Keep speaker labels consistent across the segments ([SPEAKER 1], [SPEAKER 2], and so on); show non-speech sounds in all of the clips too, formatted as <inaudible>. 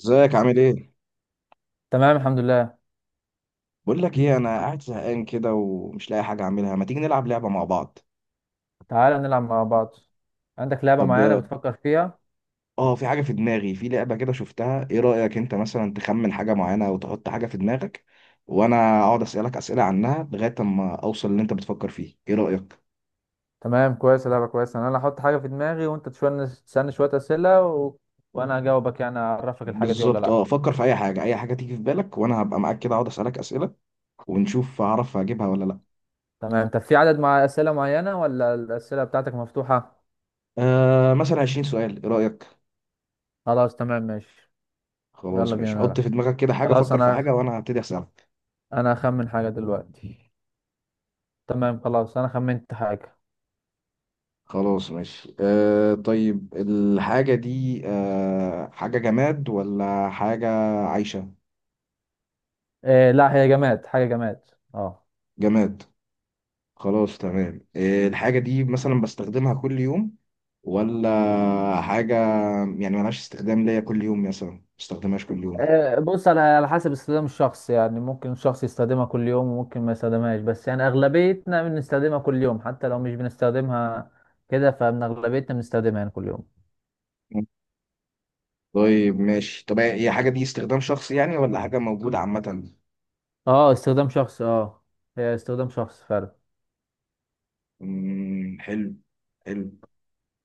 [SPEAKER 1] ازيك عامل ايه؟
[SPEAKER 2] تمام، الحمد لله.
[SPEAKER 1] بقول لك ايه، انا قاعد زهقان كده ومش لاقي حاجه اعملها. ما تيجي نلعب لعبه مع بعض.
[SPEAKER 2] تعالى نلعب مع بعض. عندك لعبة معينة
[SPEAKER 1] طب
[SPEAKER 2] بتفكر فيها؟
[SPEAKER 1] اه في حاجه في دماغي، في لعبه كده شفتها. ايه رايك انت مثلا تخمن حاجه معينه او تحط حاجه في دماغك، وانا اقعد اسالك اسئله عنها لغايه اما اوصل اللي انت بتفكر فيه. ايه رايك؟
[SPEAKER 2] تمام، كويس. لعبة كويسة. انا اللي هحط حاجة في دماغي وانت تشوية تسألني شوية أسئلة وانا هجاوبك يعني اعرفك الحاجة دي ولا
[SPEAKER 1] بالظبط.
[SPEAKER 2] لا.
[SPEAKER 1] اه فكر في اي حاجه، اي حاجه تيجي في بالك، وانا هبقى معاك كده اقعد اسالك اسئله، ونشوف هعرف اجيبها ولا لا.
[SPEAKER 2] تمام، طب في عدد مع أسئلة معينة ولا الأسئلة بتاعتك مفتوحة؟
[SPEAKER 1] مثلا 20 سؤال، ايه رايك؟
[SPEAKER 2] خلاص، تمام، ماشي.
[SPEAKER 1] خلاص
[SPEAKER 2] يلا بينا
[SPEAKER 1] ماشي، حط
[SPEAKER 2] نلعب.
[SPEAKER 1] في دماغك كده حاجه،
[SPEAKER 2] خلاص
[SPEAKER 1] فكر في
[SPEAKER 2] انا
[SPEAKER 1] حاجه وانا هبتدي اسالك.
[SPEAKER 2] انا هخمن حاجة دلوقتي. تمام، خلاص، انا خمنت حاجة.
[SPEAKER 1] خلاص ماشي. طيب الحاجة دي، حاجة جماد ولا حاجة عايشة؟
[SPEAKER 2] إيه، لا هي جماد، حاجة جماد. اه.
[SPEAKER 1] جماد. خلاص تمام. الحاجة دي مثلا بستخدمها كل يوم، ولا حاجة يعني ملهاش استخدام ليا كل يوم، مثلا ما بستخدمهاش كل يوم؟
[SPEAKER 2] بص، على حسب استخدام الشخص، يعني ممكن شخص يستخدمها كل يوم وممكن ما يستخدمهاش، بس يعني أغلبيتنا بنستخدمها كل يوم حتى لو مش بنستخدمها كده، فمن أغلبيتنا بنستخدمها يعني كل يوم.
[SPEAKER 1] طيب ماشي. طب هي حاجة دي استخدام شخصي يعني، ولا حاجة موجودة عامة؟
[SPEAKER 2] اه استخدام شخص، اه هي استخدام شخص فعلا.
[SPEAKER 1] حلو. حلو.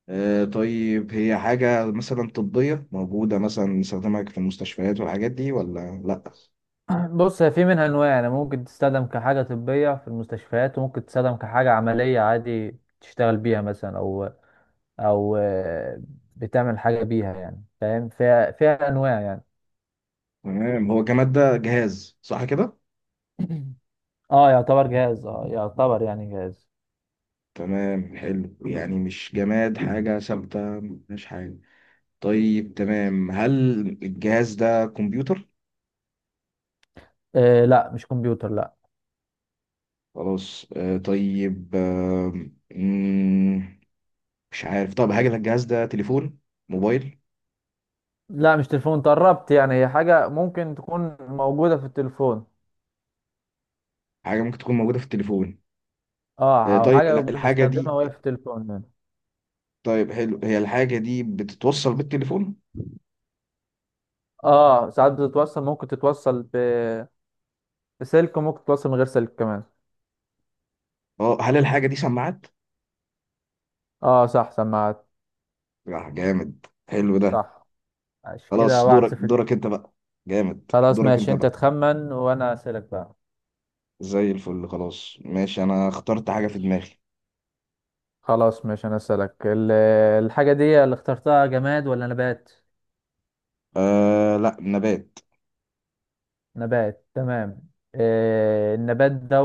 [SPEAKER 1] طيب هي حاجة مثلا طبية، موجودة مثلا نستخدمها في المستشفيات والحاجات دي، ولا لأ؟
[SPEAKER 2] <clears throat> بص، هي في منها أنواع، يعني ممكن تستخدم كحاجة طبية في المستشفيات وممكن تستخدم كحاجة عملية عادي تشتغل بيها مثلا، أو أو بتعمل حاجة بيها يعني، فاهم، فيها أنواع يعني.
[SPEAKER 1] تمام. هو الجماد ده جهاز صح كده؟
[SPEAKER 2] <clears throat> اه يعتبر جهاز، اه يعتبر يعني جهاز.
[SPEAKER 1] تمام حلو، يعني مش جماد حاجة ثابتة، مش حاجة. طيب تمام، هل الجهاز ده كمبيوتر؟
[SPEAKER 2] آه لا، مش كمبيوتر لا.
[SPEAKER 1] خلاص طيب مم، مش عارف. طب هل الجهاز ده تليفون، موبايل؟
[SPEAKER 2] لا مش تليفون، تقربت، يعني هي حاجة ممكن تكون موجودة في التليفون.
[SPEAKER 1] حاجة ممكن تكون موجودة في التليفون.
[SPEAKER 2] اه، او
[SPEAKER 1] طيب
[SPEAKER 2] حاجة
[SPEAKER 1] الحاجة دي،
[SPEAKER 2] بنستخدمها وهي في التليفون يعني.
[SPEAKER 1] طيب حلو، هي الحاجة دي بتتوصل بالتليفون؟
[SPEAKER 2] اه ساعات بتتوصل، ممكن تتوصل بسلك، وممكن تتوصل من غير سلك كمان.
[SPEAKER 1] اه، هل الحاجة دي سماعات؟
[SPEAKER 2] اه صح، سماعات.
[SPEAKER 1] لا جامد، حلو ده.
[SPEAKER 2] صح، ماشي. كده
[SPEAKER 1] خلاص
[SPEAKER 2] واحد
[SPEAKER 1] دورك
[SPEAKER 2] صفر ليك.
[SPEAKER 1] دورك انت بقى. جامد،
[SPEAKER 2] خلاص
[SPEAKER 1] دورك
[SPEAKER 2] ماشي،
[SPEAKER 1] انت
[SPEAKER 2] انت
[SPEAKER 1] بقى.
[SPEAKER 2] تخمن وانا اسألك بقى.
[SPEAKER 1] زي الفل. خلاص ماشي، انا اخترت حاجة في
[SPEAKER 2] ماشي،
[SPEAKER 1] دماغي.
[SPEAKER 2] خلاص، ماشي، انا اسألك. الحاجة دي اللي اخترتها جماد ولا نبات؟
[SPEAKER 1] آه لا، نبات.
[SPEAKER 2] نبات، تمام. آه النبات ده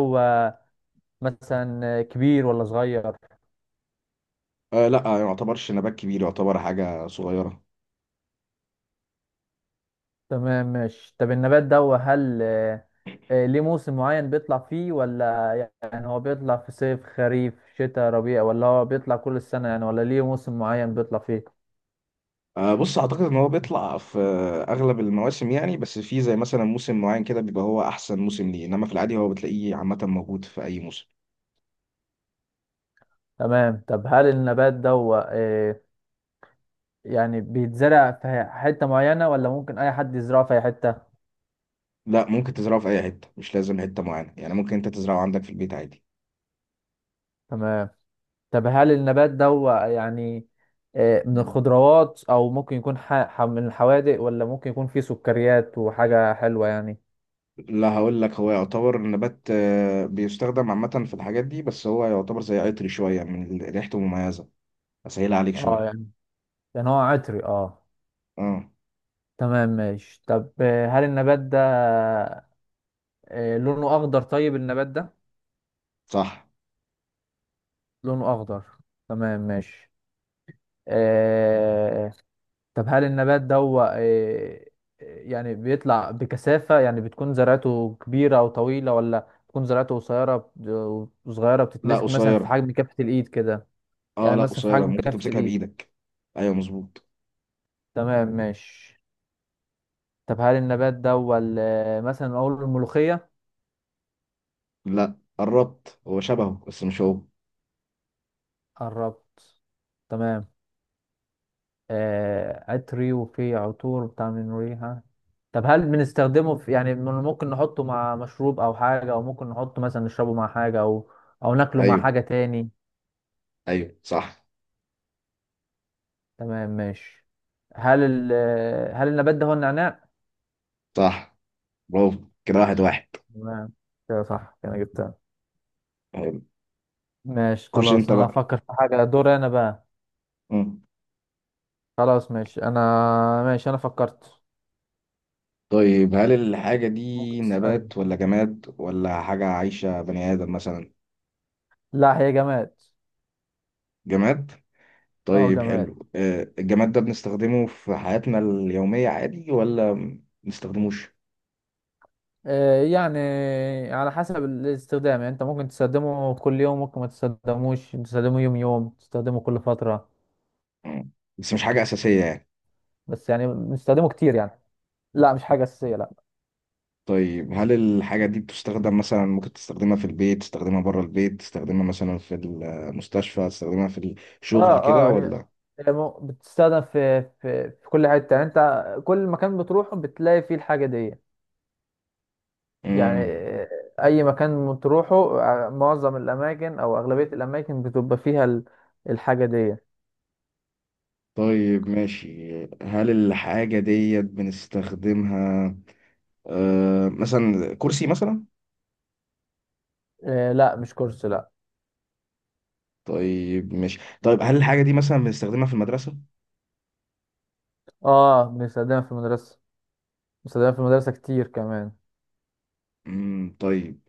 [SPEAKER 2] مثلا كبير ولا صغير؟
[SPEAKER 1] آه لا، ما يعتبرش نبات كبير، يعتبر حاجة صغيرة.
[SPEAKER 2] تمام ماشي، طب النبات ده هل ليه موسم معين بيطلع فيه، ولا يعني هو بيطلع في صيف خريف شتاء ربيع، ولا هو بيطلع كل السنة يعني، ولا ليه موسم معين بيطلع فيه؟
[SPEAKER 1] بص، اعتقد ان هو بيطلع في اغلب المواسم يعني، بس في زي مثلا موسم معين كده بيبقى هو احسن موسم ليه، انما في العادي هو بتلاقيه عامة موجود في اي موسم.
[SPEAKER 2] تمام، طب هل النبات ده آه، يعني بيتزرع في حتة معينة ولا ممكن أي حد يزرعه في أي حتة؟
[SPEAKER 1] لا ممكن تزرعه في اي حتة، مش لازم حتة معينة يعني، ممكن انت تزرعه عندك في البيت عادي.
[SPEAKER 2] تمام، طب هل النبات ده يعني من الخضروات أو ممكن يكون من الحوادق، ولا ممكن يكون فيه سكريات وحاجة حلوة يعني؟
[SPEAKER 1] لا هقول لك، هو يعتبر النبات بيستخدم عامة في الحاجات دي، بس هو يعتبر زي عطري شوية، من ريحته مميزة. أسهلها عليك
[SPEAKER 2] اه
[SPEAKER 1] شوية.
[SPEAKER 2] يعني، يعني هو عطري اه.
[SPEAKER 1] اه
[SPEAKER 2] تمام ماشي، طب هل النبات ده لونه اخضر؟ طيب النبات ده
[SPEAKER 1] صح.
[SPEAKER 2] لونه اخضر. تمام ماشي. آه طب هل النبات ده هو آه يعني بيطلع بكثافة، يعني بتكون زرعته كبيرة او طويلة، ولا بتكون زرعته قصيرة وصغيرة
[SPEAKER 1] لا
[SPEAKER 2] بتتمسك مثلا في
[SPEAKER 1] قصيرة.
[SPEAKER 2] حجم كفة الايد كده؟
[SPEAKER 1] اه
[SPEAKER 2] يعني
[SPEAKER 1] لا
[SPEAKER 2] مثلا في
[SPEAKER 1] قصيرة،
[SPEAKER 2] حجم
[SPEAKER 1] ممكن
[SPEAKER 2] كفة
[SPEAKER 1] تمسكها
[SPEAKER 2] الايد.
[SPEAKER 1] بإيدك. أيوه مظبوط.
[SPEAKER 2] تمام ماشي، طب هل النبات ده هو مثلا اقول الملوخية؟
[SPEAKER 1] لا قربت، هو شبهه بس مش هو.
[SPEAKER 2] قربت. تمام. آه عطري وفي عطور بتاع من ريحة. طب هل بنستخدمه في، يعني ممكن نحطه مع مشروب او حاجة، او ممكن نحطه مثلا نشربه مع حاجة، او او ناكله مع
[SPEAKER 1] أيوه.
[SPEAKER 2] حاجة تاني؟
[SPEAKER 1] أيوه صح
[SPEAKER 2] تمام، ماشي. هل ال آه، هل النبات ده هو النعناع؟
[SPEAKER 1] صح. برافو، كده واحد واحد.
[SPEAKER 2] تمام، كده صح، كده جبتها.
[SPEAKER 1] أيوة.
[SPEAKER 2] ماشي
[SPEAKER 1] خش
[SPEAKER 2] خلاص،
[SPEAKER 1] أنت
[SPEAKER 2] انا
[SPEAKER 1] بقى.
[SPEAKER 2] هفكر في حاجة، دور انا بقى.
[SPEAKER 1] مم.
[SPEAKER 2] خلاص ماشي، انا ماشي، انا فكرت.
[SPEAKER 1] طيب هل الحاجة دي
[SPEAKER 2] ممكن تسألني.
[SPEAKER 1] نبات ولا جماد، ولا حاجة عايشة بني آدم مثلا؟
[SPEAKER 2] لا هي جماد.
[SPEAKER 1] جماد.
[SPEAKER 2] اه
[SPEAKER 1] طيب
[SPEAKER 2] جماد.
[SPEAKER 1] حلو. الجماد ده بنستخدمه في حياتنا اليومية عادي، ولا ما بنستخدموش؟
[SPEAKER 2] يعني على حسب الاستخدام، يعني انت ممكن تستخدمه كل يوم، ممكن ما تستخدموش، تستخدمه يوم يوم، تستخدمه كل فترة.
[SPEAKER 1] مم. بس مش حاجة أساسية يعني؟
[SPEAKER 2] بس يعني بنستخدمه كتير يعني. لا مش حاجة أساسية لا.
[SPEAKER 1] طيب هل الحاجة دي بتستخدم مثلا، ممكن تستخدمها في البيت، تستخدمها بره البيت، تستخدمها مثلا في المستشفى، تستخدمها في
[SPEAKER 2] اه
[SPEAKER 1] الشغل كده
[SPEAKER 2] اه، هي
[SPEAKER 1] ولا؟
[SPEAKER 2] هي بتستخدم في كل حتة، يعني انت كل مكان بتروحه بتلاقي فيه الحاجة دي. يعني
[SPEAKER 1] مم.
[SPEAKER 2] اي مكان بتروحه، معظم الاماكن او اغلبية الاماكن بتبقى فيها الحاجة دي.
[SPEAKER 1] طيب ماشي. هل الحاجة ديت بنستخدمها مثلا كرسي مثلا؟
[SPEAKER 2] آه لا، مش كورس لا.
[SPEAKER 1] طيب ماشي. طيب هل الحاجة دي مثلا بنستخدمها في المدرسة؟
[SPEAKER 2] اه بنستخدمها في المدرسة، بنستخدمها في المدرسة كتير كمان.
[SPEAKER 1] مم. طيب،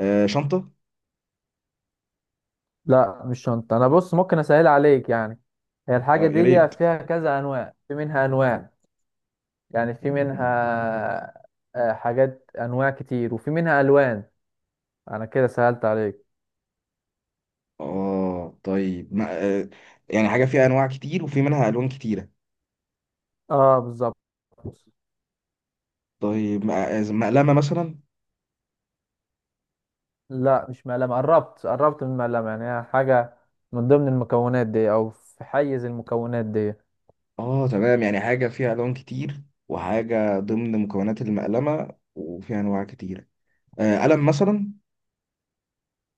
[SPEAKER 1] شنطة؟
[SPEAKER 2] لا مش شنطة. أنا بص ممكن أسهل عليك يعني، هي الحاجة
[SPEAKER 1] اه يا
[SPEAKER 2] دي
[SPEAKER 1] ريت.
[SPEAKER 2] فيها كذا أنواع، في منها أنواع، يعني في منها حاجات أنواع كتير وفي منها ألوان. أنا كده سهلت عليك.
[SPEAKER 1] اه طيب، ما آه، يعني حاجة فيها أنواع كتير وفي منها ألوان كتيرة.
[SPEAKER 2] اه بالظبط.
[SPEAKER 1] طيب مقلمة مثلا؟
[SPEAKER 2] لا مش مقلمة، قربت، قربت من المقلمة، يعني هي حاجة من ضمن المكونات دي أو في حيز المكونات دي.
[SPEAKER 1] اه تمام، يعني حاجة فيها ألوان كتير، وحاجة ضمن مكونات المقلمة وفيها أنواع كتيرة. قلم مثلا؟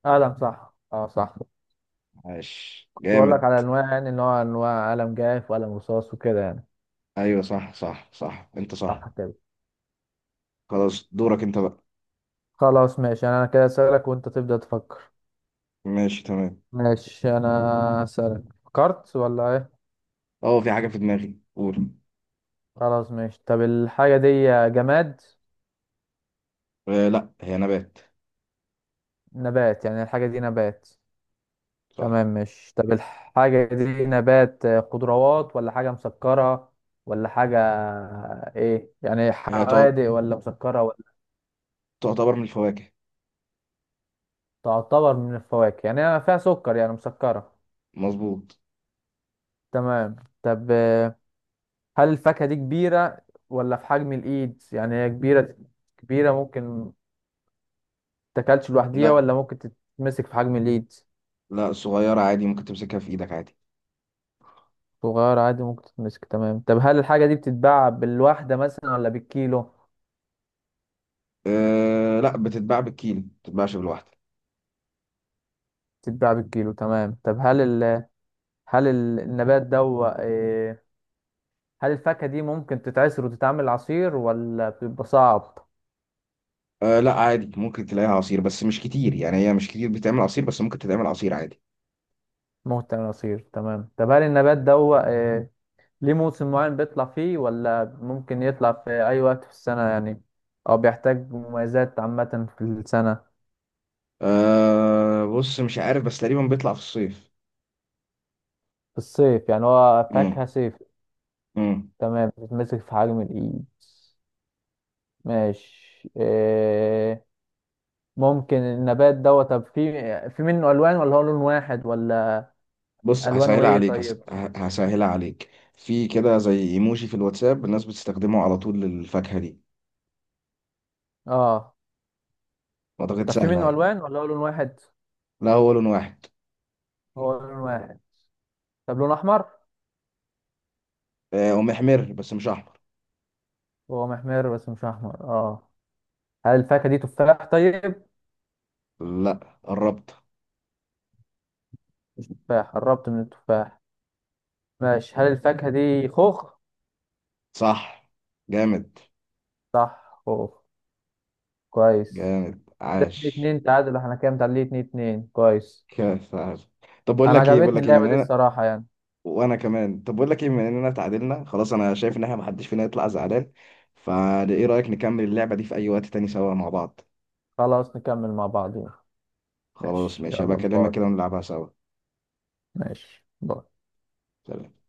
[SPEAKER 2] قلم، صح، اه صح.
[SPEAKER 1] عاش
[SPEAKER 2] بقول لك
[SPEAKER 1] جامد.
[SPEAKER 2] على أنواع يعني، إن هو أنواع قلم جاف وقلم رصاص وكده يعني.
[SPEAKER 1] أيوة صح صح صح، أنت صح.
[SPEAKER 2] صح كده.
[SPEAKER 1] خلاص دورك أنت بقى.
[SPEAKER 2] خلاص ماشي، يعني أنا كده أسألك وأنت تبدأ تفكر.
[SPEAKER 1] ماشي تمام.
[SPEAKER 2] ماشي انا اسالك، فكرت ولا ايه؟
[SPEAKER 1] اه في حاجة في دماغي، قول.
[SPEAKER 2] خلاص ماشي، طب الحاجه دي جماد؟
[SPEAKER 1] آه لا، هي نبات.
[SPEAKER 2] نبات، يعني الحاجه دي نبات.
[SPEAKER 1] صح.
[SPEAKER 2] تمام ماشي، طب الحاجه دي نبات خضروات ولا حاجه مسكره، ولا حاجه ايه، يعني
[SPEAKER 1] هي تعت-
[SPEAKER 2] حوادق ولا مسكره ولا؟
[SPEAKER 1] تعتبر من الفواكه.
[SPEAKER 2] تعتبر من الفواكه، يعني أنا فيها سكر، يعني مسكره.
[SPEAKER 1] مظبوط.
[SPEAKER 2] تمام، طب هل الفاكهه دي كبيره ولا في حجم الايد؟ يعني هي كبيره، كبيره ممكن تاكلش لوحديها،
[SPEAKER 1] لا.
[SPEAKER 2] ولا ممكن تتمسك في حجم الايد؟
[SPEAKER 1] لا صغيرة عادي، ممكن تمسكها في ايدك عادي.
[SPEAKER 2] صغير عادي ممكن تتمسك. تمام، طب هل الحاجة دي بتتباع بالواحدة مثلا ولا بالكيلو؟
[SPEAKER 1] أه لا، بتتباع بالكيلو، ما بتتباعش بالواحدة.
[SPEAKER 2] بتتباع بالكيلو. تمام، طب هل ال... هل ال- النبات ده هو- إيه... هل الفاكهة دي ممكن تتعصر وتتعمل عصير ولا بيبقى صعب؟
[SPEAKER 1] أه لا عادي، ممكن تلاقيها عصير بس مش كتير، يعني هي مش كتير بتعمل عصير، بس ممكن تتعمل عصير عادي.
[SPEAKER 2] ممكن تعمل عصير. تمام، طب هل النبات ده هو إيه... ليه موسم معين بيطلع فيه، ولا ممكن يطلع في أي وقت في السنة يعني، أو بيحتاج مميزات عامة في السنة؟
[SPEAKER 1] أه بص، مش عارف، بس تقريبا بيطلع في الصيف.
[SPEAKER 2] في الصيف، يعني هو
[SPEAKER 1] مم.
[SPEAKER 2] فاكهة صيف.
[SPEAKER 1] مم.
[SPEAKER 2] تمام، بتتمسك في حجم الإيد. ماشي. إيه ممكن النبات دوت. طب في، في منه الوان ولا هو لون واحد ولا؟
[SPEAKER 1] بص
[SPEAKER 2] الوانه
[SPEAKER 1] هسهلها
[SPEAKER 2] ايه
[SPEAKER 1] عليك،
[SPEAKER 2] طيب؟
[SPEAKER 1] هسهلها عليك. في كده زي ايموجي في الواتساب الناس بتستخدمه على طول للفاكهة دي.
[SPEAKER 2] اه
[SPEAKER 1] اعتقد
[SPEAKER 2] طب في
[SPEAKER 1] سهلة
[SPEAKER 2] منه
[SPEAKER 1] اهي.
[SPEAKER 2] الوان ولا هو لون واحد؟
[SPEAKER 1] لا هو لون واحد.
[SPEAKER 2] هو لون واحد. طب لون احمر؟
[SPEAKER 1] أه ومحمر بس مش احمر.
[SPEAKER 2] هو محمر بس مش احمر اه. هل الفاكهه دي تفاح طيب؟
[SPEAKER 1] لا قربت.
[SPEAKER 2] مش تفاح، قربت من التفاح. ماشي، هل الفاكهه دي خوخ؟
[SPEAKER 1] صح. جامد.
[SPEAKER 2] صح خوخ، كويس.
[SPEAKER 1] جامد
[SPEAKER 2] كده اتنين
[SPEAKER 1] عاش.
[SPEAKER 2] اتنين تعادل، احنا كام متعادلين؟ 2-2، كويس.
[SPEAKER 1] كيف عاش. طب بقول
[SPEAKER 2] انا
[SPEAKER 1] لك ايه، بقول
[SPEAKER 2] عجبتني
[SPEAKER 1] لك ايه من
[SPEAKER 2] اللعبه دي
[SPEAKER 1] انا
[SPEAKER 2] الصراحه يعني.
[SPEAKER 1] وانا كمان. طب بقول لك ايه، من اننا اتعادلنا خلاص، انا شايف ان احنا محدش فينا يطلع زعلان، فايه رايك نكمل اللعبه دي في اي وقت تاني سوا مع بعض؟
[SPEAKER 2] خلاص نكمل مع بعض.
[SPEAKER 1] خلاص
[SPEAKER 2] ماشي،
[SPEAKER 1] ماشي، هبقى
[SPEAKER 2] يلا
[SPEAKER 1] اكلمك
[SPEAKER 2] باي.
[SPEAKER 1] كده ونلعبها سوا.
[SPEAKER 2] ماشي باي.
[SPEAKER 1] سلام.